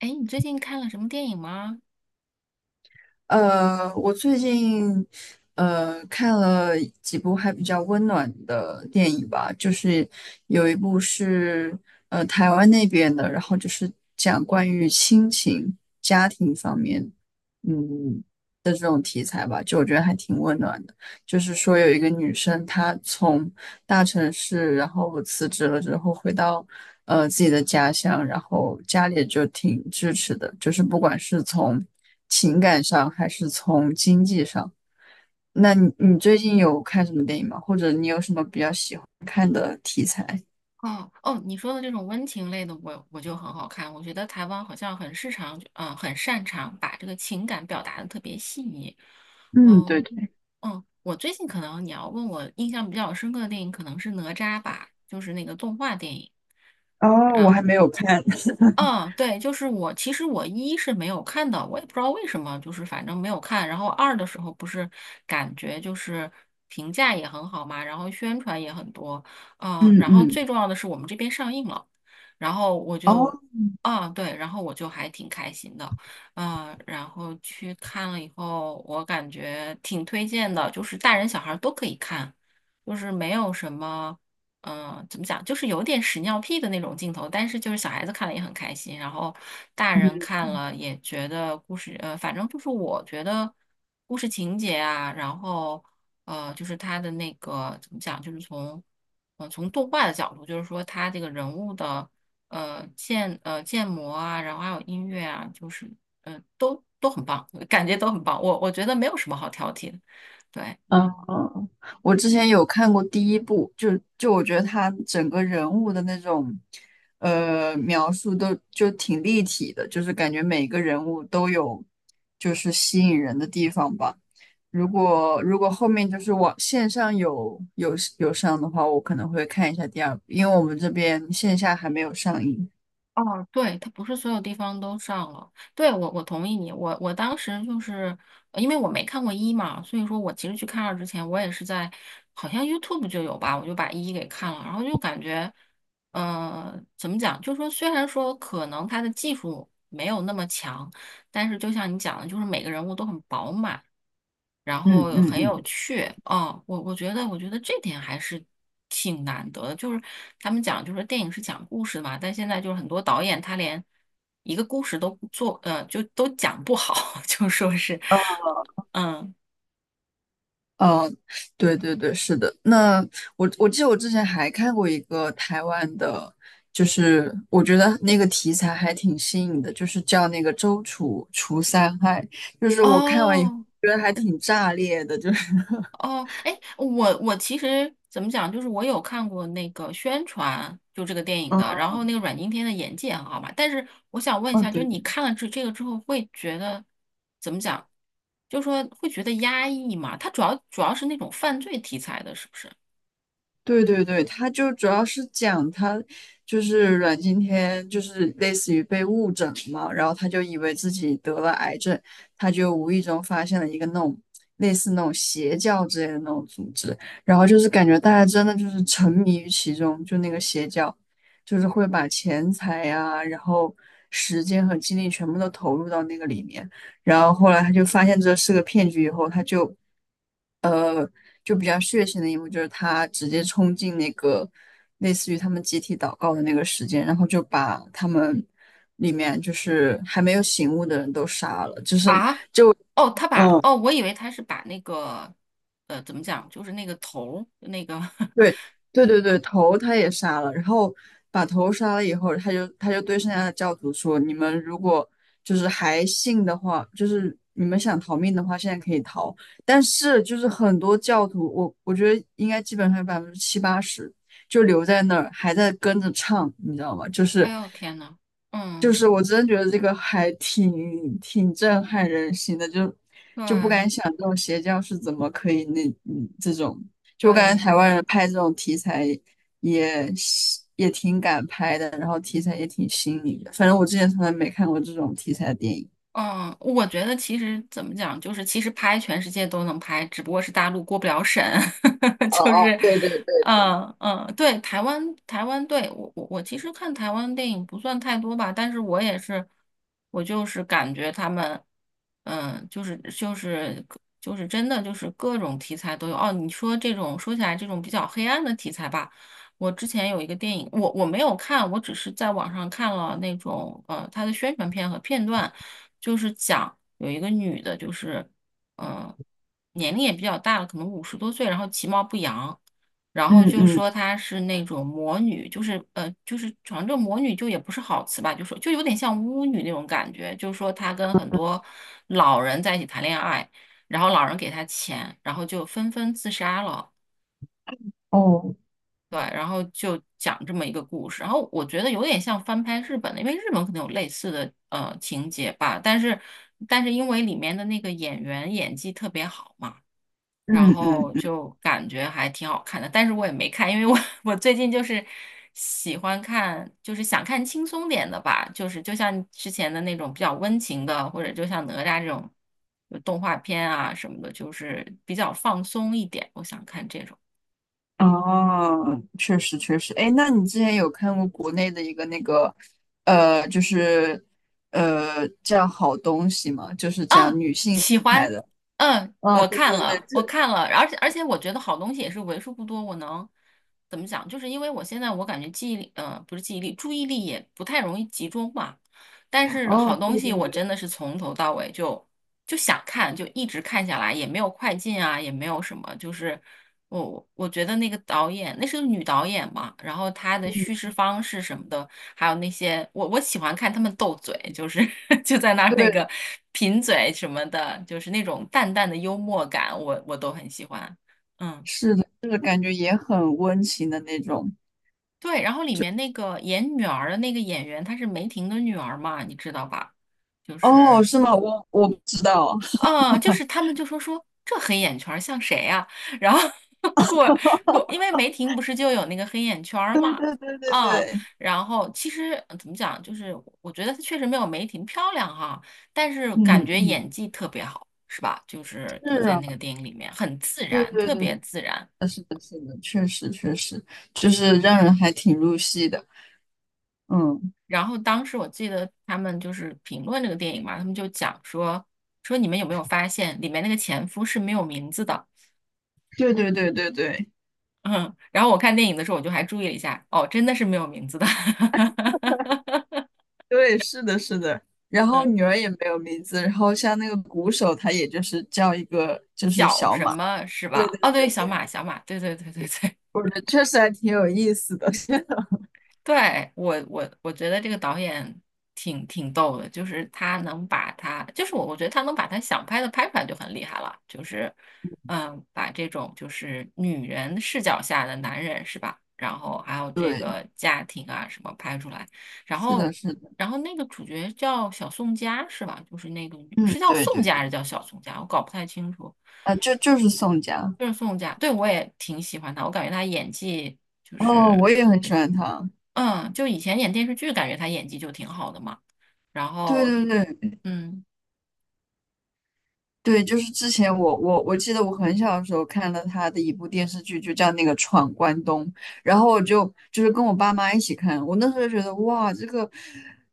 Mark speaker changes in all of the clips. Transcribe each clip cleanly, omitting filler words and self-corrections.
Speaker 1: 哎，你最近看了什么电影吗？
Speaker 2: 我最近看了几部还比较温暖的电影吧，就是有一部是台湾那边的，然后就是讲关于亲情、家庭方面，嗯，就是说有一个女生她从大城市，然后辞职了之后回到自己的家乡，然后家里就挺支持的，就是不管是从情感上还是从经济上。那你最近有看什么电影吗？或者你有什么比较喜欢看的题材？
Speaker 1: 哦哦，你说的这种温情类的我就很好看。我觉得台湾好像很擅长，很擅长把这个情感表达的特别细腻。
Speaker 2: 嗯，对
Speaker 1: 嗯、
Speaker 2: 对。
Speaker 1: 嗯，我最近可能你要问我印象比较深刻的电影，可能是《哪吒》吧，就是那个动画电影。
Speaker 2: 哦，我还没有看。
Speaker 1: 嗯，对，就是我，其实我一是没有看的，我也不知道为什么，就是反正没有看。然后二的时候不是感觉就是评价也很好嘛，然后宣传也很多，
Speaker 2: 嗯
Speaker 1: 然后
Speaker 2: 嗯。
Speaker 1: 最重要的是我们这边上映了，然后我
Speaker 2: 哦，
Speaker 1: 就，啊，对，然后我就还挺开心的，然后去看了以后，我感觉挺推荐的，就是大人小孩儿都可以看，就是没有什么。嗯，怎么讲，就是有点屎尿屁的那种镜头，但是就是小孩子看了也很开心，然后大人
Speaker 2: 嗯。
Speaker 1: 看了也觉得故事，反正就是我觉得故事情节啊，然后就是他的那个怎么讲，就是从动画的角度，就是说他这个人物的建模啊，然后还有音乐啊，就是呃都很棒，感觉都很棒，我觉得没有什么好挑剔的，对。
Speaker 2: 嗯，嗯我之前有看过第一部，就我觉得他整个人物的那种，描述都就挺立体的，就是感觉每个人物都有就是吸引人的地方吧。如果后面就是网线上有上的话，我可能会看一下第二部，因为我们这边线下还没有上映。
Speaker 1: 哦，对，它不是所有地方都上了。对，我同意你。我当时就是因为我没看过一嘛，所以说我其实去看二之前，我也是在好像 YouTube 就有吧，我就把一给看了，然后就感觉，呃，怎么讲？就是说虽然说可能它的技术没有那么强，但是就像你讲的，就是每个人物都很饱满，然
Speaker 2: 嗯
Speaker 1: 后
Speaker 2: 嗯
Speaker 1: 很有
Speaker 2: 嗯。
Speaker 1: 趣。哦，我觉得，我觉得这点还是挺难得的。就是他们讲，就是电影是讲故事嘛，但现在就是很多导演他连一个故事都不做，就都讲不好，就说是，嗯，
Speaker 2: 哦，对对对，是的。那我记得我之前还看过一个台湾的，就是我觉得那个题材还挺新颖的，就是叫那个《周楚除三害》，就是我看完以后
Speaker 1: 哦。
Speaker 2: 觉得还挺炸裂的，就是
Speaker 1: 哦，哎，我其实怎么讲，就是我有看过那个宣传，就这个电影
Speaker 2: 嗯
Speaker 1: 的，然后那个阮经天的演技也很好嘛。但是我想问一
Speaker 2: 嗯，
Speaker 1: 下，就是
Speaker 2: 对。
Speaker 1: 你看了这个之后，会觉得怎么讲？就说会觉得压抑嘛？他主要是那种犯罪题材的，是不是？
Speaker 2: 对对对，他就主要是讲他就是阮经天，就是类似于被误诊了嘛，然后他就以为自己得了癌症，他就无意中发现了一个那种类似那种邪教之类的那种组织，然后就是感觉大家真的就是沉迷于其中，就那个邪教，就是会把钱财呀、然后时间和精力全部都投入到那个里面，然后后来他就发现这是个骗局以后，他就比较血腥的一幕，就是他直接冲进那个类似于他们集体祷告的那个时间，然后就把他们里面就是还没有醒悟的人都杀了，就是。
Speaker 1: 啊，哦，他把
Speaker 2: 嗯，
Speaker 1: 哦，我以为他是把那个怎么讲，就是那个头儿那个，
Speaker 2: 对对对对，头他也杀了，然后把头杀了以后，他就对剩下的教徒说：“你们如果就是还信的话，就是你们想逃命的话，现在可以逃。但是就是很多教徒，我觉得应该基本上有70-80%就留在那儿，还在跟着唱，你知道吗？就
Speaker 1: 哎
Speaker 2: 是
Speaker 1: 呦天呐，嗯，
Speaker 2: 我真的觉得这个还挺震撼人心的，就不敢
Speaker 1: 对
Speaker 2: 想这种邪教是怎么可以那这种，就我感觉
Speaker 1: 对。
Speaker 2: 台湾人拍这种题材也也挺敢拍的，然后题材也挺新颖的，反正我之前从来没看过这种题材的电影。
Speaker 1: 嗯，我觉得其实怎么讲，就是其实拍全世界都能拍，只不过是大陆过不了审，
Speaker 2: 哦
Speaker 1: 就
Speaker 2: 哦，
Speaker 1: 是，
Speaker 2: 对对对对，
Speaker 1: 嗯嗯，对，台湾台湾，对，我其实看台湾电影不算太多吧，但是我也是，我就是感觉他们，嗯，就是真的就是各种题材都有。哦，你说这种说起来这种比较黑暗的题材吧。我之前有一个电影，我没有看，我只是在网上看了那种它的宣传片和片段。就是讲有一个女的，就是嗯，年龄也比较大了，可能五十多岁，然后其貌不扬，然后
Speaker 2: 嗯
Speaker 1: 就
Speaker 2: 嗯，
Speaker 1: 说她是那种魔女，就是就是反正这魔女就也不是好词吧，就说就有点像巫女那种感觉，就是说她跟很多老人在一起谈恋爱，然后老人给她钱，然后就纷纷自杀了。
Speaker 2: 哦，
Speaker 1: 对，然后就讲这么一个故事，然后我觉得有点像翻拍日本的，因为日本可能有类似的情节吧，但是因为里面的那个演员演技特别好嘛，然
Speaker 2: 嗯
Speaker 1: 后
Speaker 2: 嗯。
Speaker 1: 就感觉还挺好看的，但是我也没看，因为我 我最近就是喜欢看，就是想看轻松点的吧，就是就像之前的那种比较温情的，或者就像哪吒这种就动画片啊什么的，就是比较放松一点，我想看这种。
Speaker 2: 哦，确实确实，哎，那你之前有看过国内的一个那个，就是叫好东西吗？就是讲
Speaker 1: 啊，
Speaker 2: 女性
Speaker 1: 喜
Speaker 2: 题材
Speaker 1: 欢，
Speaker 2: 的。
Speaker 1: 嗯，
Speaker 2: 哦，
Speaker 1: 我
Speaker 2: 对
Speaker 1: 看
Speaker 2: 对对，
Speaker 1: 了，
Speaker 2: 这
Speaker 1: 我看了，而且我觉得好东西也是为数不多，我能怎么讲？就是因为我现在我感觉记忆力，嗯，不是记忆力，注意力也不太容易集中嘛，但是
Speaker 2: 哦，
Speaker 1: 好
Speaker 2: 对
Speaker 1: 东西
Speaker 2: 对
Speaker 1: 我
Speaker 2: 对，
Speaker 1: 真的是从头到尾就想看，就一直看下来，也没有快进啊，也没有什么，就是我觉得那个导演，那是个女导演嘛，然后她的
Speaker 2: 嗯，
Speaker 1: 叙事方式什么的，还有那些我喜欢看他们斗嘴，就是 就在那儿那
Speaker 2: 对，
Speaker 1: 个贫嘴什么的，就是那种淡淡的幽默感，我都很喜欢。嗯，
Speaker 2: 是的，就是感觉也很温情的那种。
Speaker 1: 对，然后里面那个演女儿的那个演员，她是梅婷的女儿嘛，你知道吧？就
Speaker 2: 哦，
Speaker 1: 是
Speaker 2: 是吗？我不知道。
Speaker 1: 嗯，就是 他们就说说这黑眼圈儿像谁呀、然后 过过，因为梅婷不是就有那个黑眼圈儿
Speaker 2: 对
Speaker 1: 嘛，
Speaker 2: 对对对
Speaker 1: 嗯，
Speaker 2: 对，
Speaker 1: 然后其实怎么讲，就是我觉得她确实没有梅婷漂亮哈、但是感
Speaker 2: 嗯
Speaker 1: 觉
Speaker 2: 嗯，
Speaker 1: 演技特别好，是吧？就是就
Speaker 2: 是
Speaker 1: 在
Speaker 2: 啊，
Speaker 1: 那个电影里面很自
Speaker 2: 对
Speaker 1: 然，
Speaker 2: 对
Speaker 1: 特
Speaker 2: 对，
Speaker 1: 别自然。
Speaker 2: 是的，是的，确实确实，就是让人还挺入戏的。嗯，
Speaker 1: 然后当时我记得他们就是评论这个电影嘛，他们就讲说你们有没有发现里面那个前夫是没有名字的。
Speaker 2: 对对对对对。
Speaker 1: 嗯，然后我看电影的时候，我就还注意了一下，哦，真的是没有名字的，
Speaker 2: 对，是的，是的。然后
Speaker 1: 嗯，
Speaker 2: 女儿也没有名字，然后像那个鼓手，他也就是叫一个就是
Speaker 1: 小
Speaker 2: 小
Speaker 1: 什
Speaker 2: 马。
Speaker 1: 么是
Speaker 2: 对
Speaker 1: 吧？
Speaker 2: 对
Speaker 1: 哦，对，
Speaker 2: 对
Speaker 1: 小
Speaker 2: 对，
Speaker 1: 马，小马，对对对对对，
Speaker 2: 我觉得确实还挺有意思的。
Speaker 1: 对，我觉得这个导演挺逗的，就是他能把他，就是我觉得他能把他想拍的拍出来就很厉害了，就是嗯，把这种就是女人视角下的男人是吧？然后还有这
Speaker 2: 对，
Speaker 1: 个家庭啊什么拍出来，然
Speaker 2: 是的，
Speaker 1: 后
Speaker 2: 是的，
Speaker 1: 然后那个主角叫小宋佳是吧？就是那个女
Speaker 2: 嗯，
Speaker 1: 是叫
Speaker 2: 对
Speaker 1: 宋
Speaker 2: 对
Speaker 1: 佳还
Speaker 2: 对，
Speaker 1: 是叫小宋佳？我搞不太清楚，
Speaker 2: 啊，就是宋佳，
Speaker 1: 就是宋佳，对我也挺喜欢她，我感觉她演技。就
Speaker 2: 哦，
Speaker 1: 是。
Speaker 2: 我也很喜欢他。
Speaker 1: 嗯，就以前演电视剧，感觉他演技就挺好的嘛。然
Speaker 2: 对
Speaker 1: 后，
Speaker 2: 对对，
Speaker 1: 嗯
Speaker 2: 对，就是之前我记得我很小的时候看了他的一部电视剧，就叫那个《闯关东》，然后我就跟我爸妈一起看，我那时候就觉得哇，这个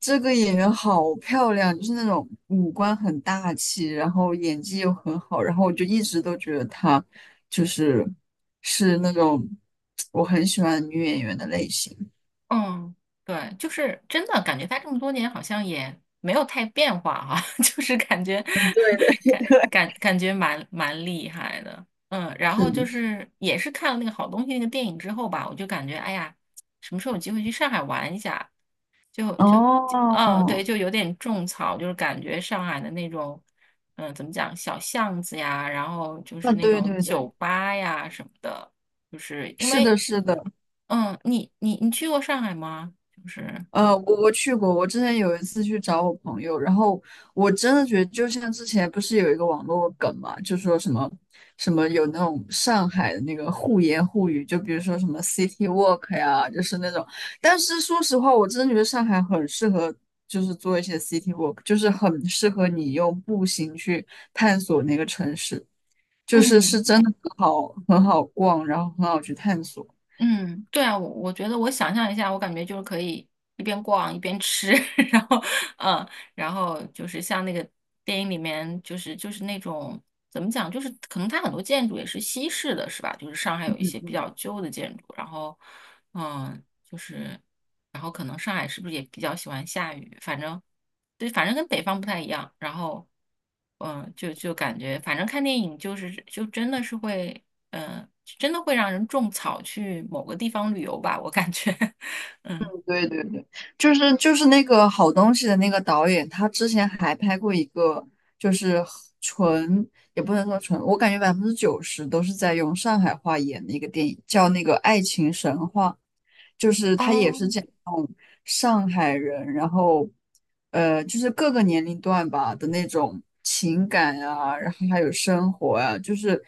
Speaker 2: 这个演员好漂亮，就是那种五官很大气，然后演技又很好，然后我就一直都觉得她就是那种我很喜欢的女演员的类型。
Speaker 1: 嗯，对，就是真的感觉他这么多年好像也没有太变化哈、就是感觉
Speaker 2: 嗯，对的，
Speaker 1: 感
Speaker 2: 对，
Speaker 1: 感觉蛮厉害的。嗯，然
Speaker 2: 是
Speaker 1: 后就
Speaker 2: 的，是
Speaker 1: 是也是看了那个好东西那个电影之后吧，我就感觉哎呀，什么时候有机会去上海玩一下？就嗯，对，
Speaker 2: 哦，
Speaker 1: 就有点种草，就是感觉上海的那种，嗯，怎么讲，小巷子呀，然后就是
Speaker 2: 啊，
Speaker 1: 那
Speaker 2: 对
Speaker 1: 种
Speaker 2: 对
Speaker 1: 酒
Speaker 2: 对，
Speaker 1: 吧呀什么的，就是因
Speaker 2: 是的，
Speaker 1: 为，
Speaker 2: 是的，
Speaker 1: 嗯，你去过上海吗？就是。
Speaker 2: 我去过，我之前有一次去找我朋友，然后我真的觉得，就像之前不是有一个网络梗嘛，就说什么什么有那种上海的那个互言互语，就比如说什么 city walk 呀，就是那种。但是说实话，我真的觉得上海很适合，就是做一些 city walk，就是很适合你用步行去探索那个城市，就是
Speaker 1: 嗯。
Speaker 2: 真的很好很好逛，然后很好去探索。
Speaker 1: 嗯，对啊，我觉得我想象一下，我感觉就是可以一边逛一边吃，然后嗯，然后就是像那个电影里面，那种怎么讲，就是可能它很多建筑也是西式的，是吧？就是上海
Speaker 2: 嗯
Speaker 1: 有一些比
Speaker 2: 嗯。
Speaker 1: 较旧的建筑，然后嗯。就是，然后可能上海是不是也比较喜欢下雨？反正，对，反正跟北方不太一样。然后，嗯，就感觉，反正看电影就是就真的是会，嗯，真的会让人种草去某个地方旅游吧，我感觉，嗯，
Speaker 2: 对对对，就是那个好东西的那个导演，他之前还拍过一个，就是纯也不能说纯，我感觉90%都是在用上海话演的一个电影，叫那个《爱情神话》。就是他也
Speaker 1: 哦。
Speaker 2: 是这种上海人，然后就是各个年龄段吧的那种情感啊，然后还有生活啊，就是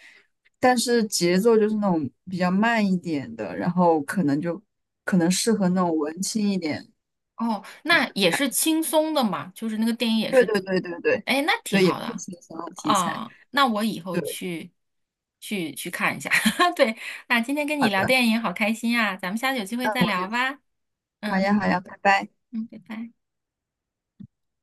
Speaker 2: 但是节奏就是那种比较慢一点的，然后可能适合那种文青一点。
Speaker 1: 哦，那也是轻松的嘛，就是那个电影也
Speaker 2: 对
Speaker 1: 是，
Speaker 2: 对对对对
Speaker 1: 哎，那挺
Speaker 2: 对，也
Speaker 1: 好
Speaker 2: 是
Speaker 1: 的
Speaker 2: 挺想要题材。
Speaker 1: 啊，那我以后
Speaker 2: 对，
Speaker 1: 去看一下。对，那今天跟你
Speaker 2: 好
Speaker 1: 聊
Speaker 2: 的，
Speaker 1: 电影好开心啊，咱们下次有机会
Speaker 2: 那
Speaker 1: 再
Speaker 2: 我
Speaker 1: 聊
Speaker 2: 也
Speaker 1: 吧。
Speaker 2: 好
Speaker 1: 嗯
Speaker 2: 呀好呀，拜拜。
Speaker 1: 嗯，拜拜。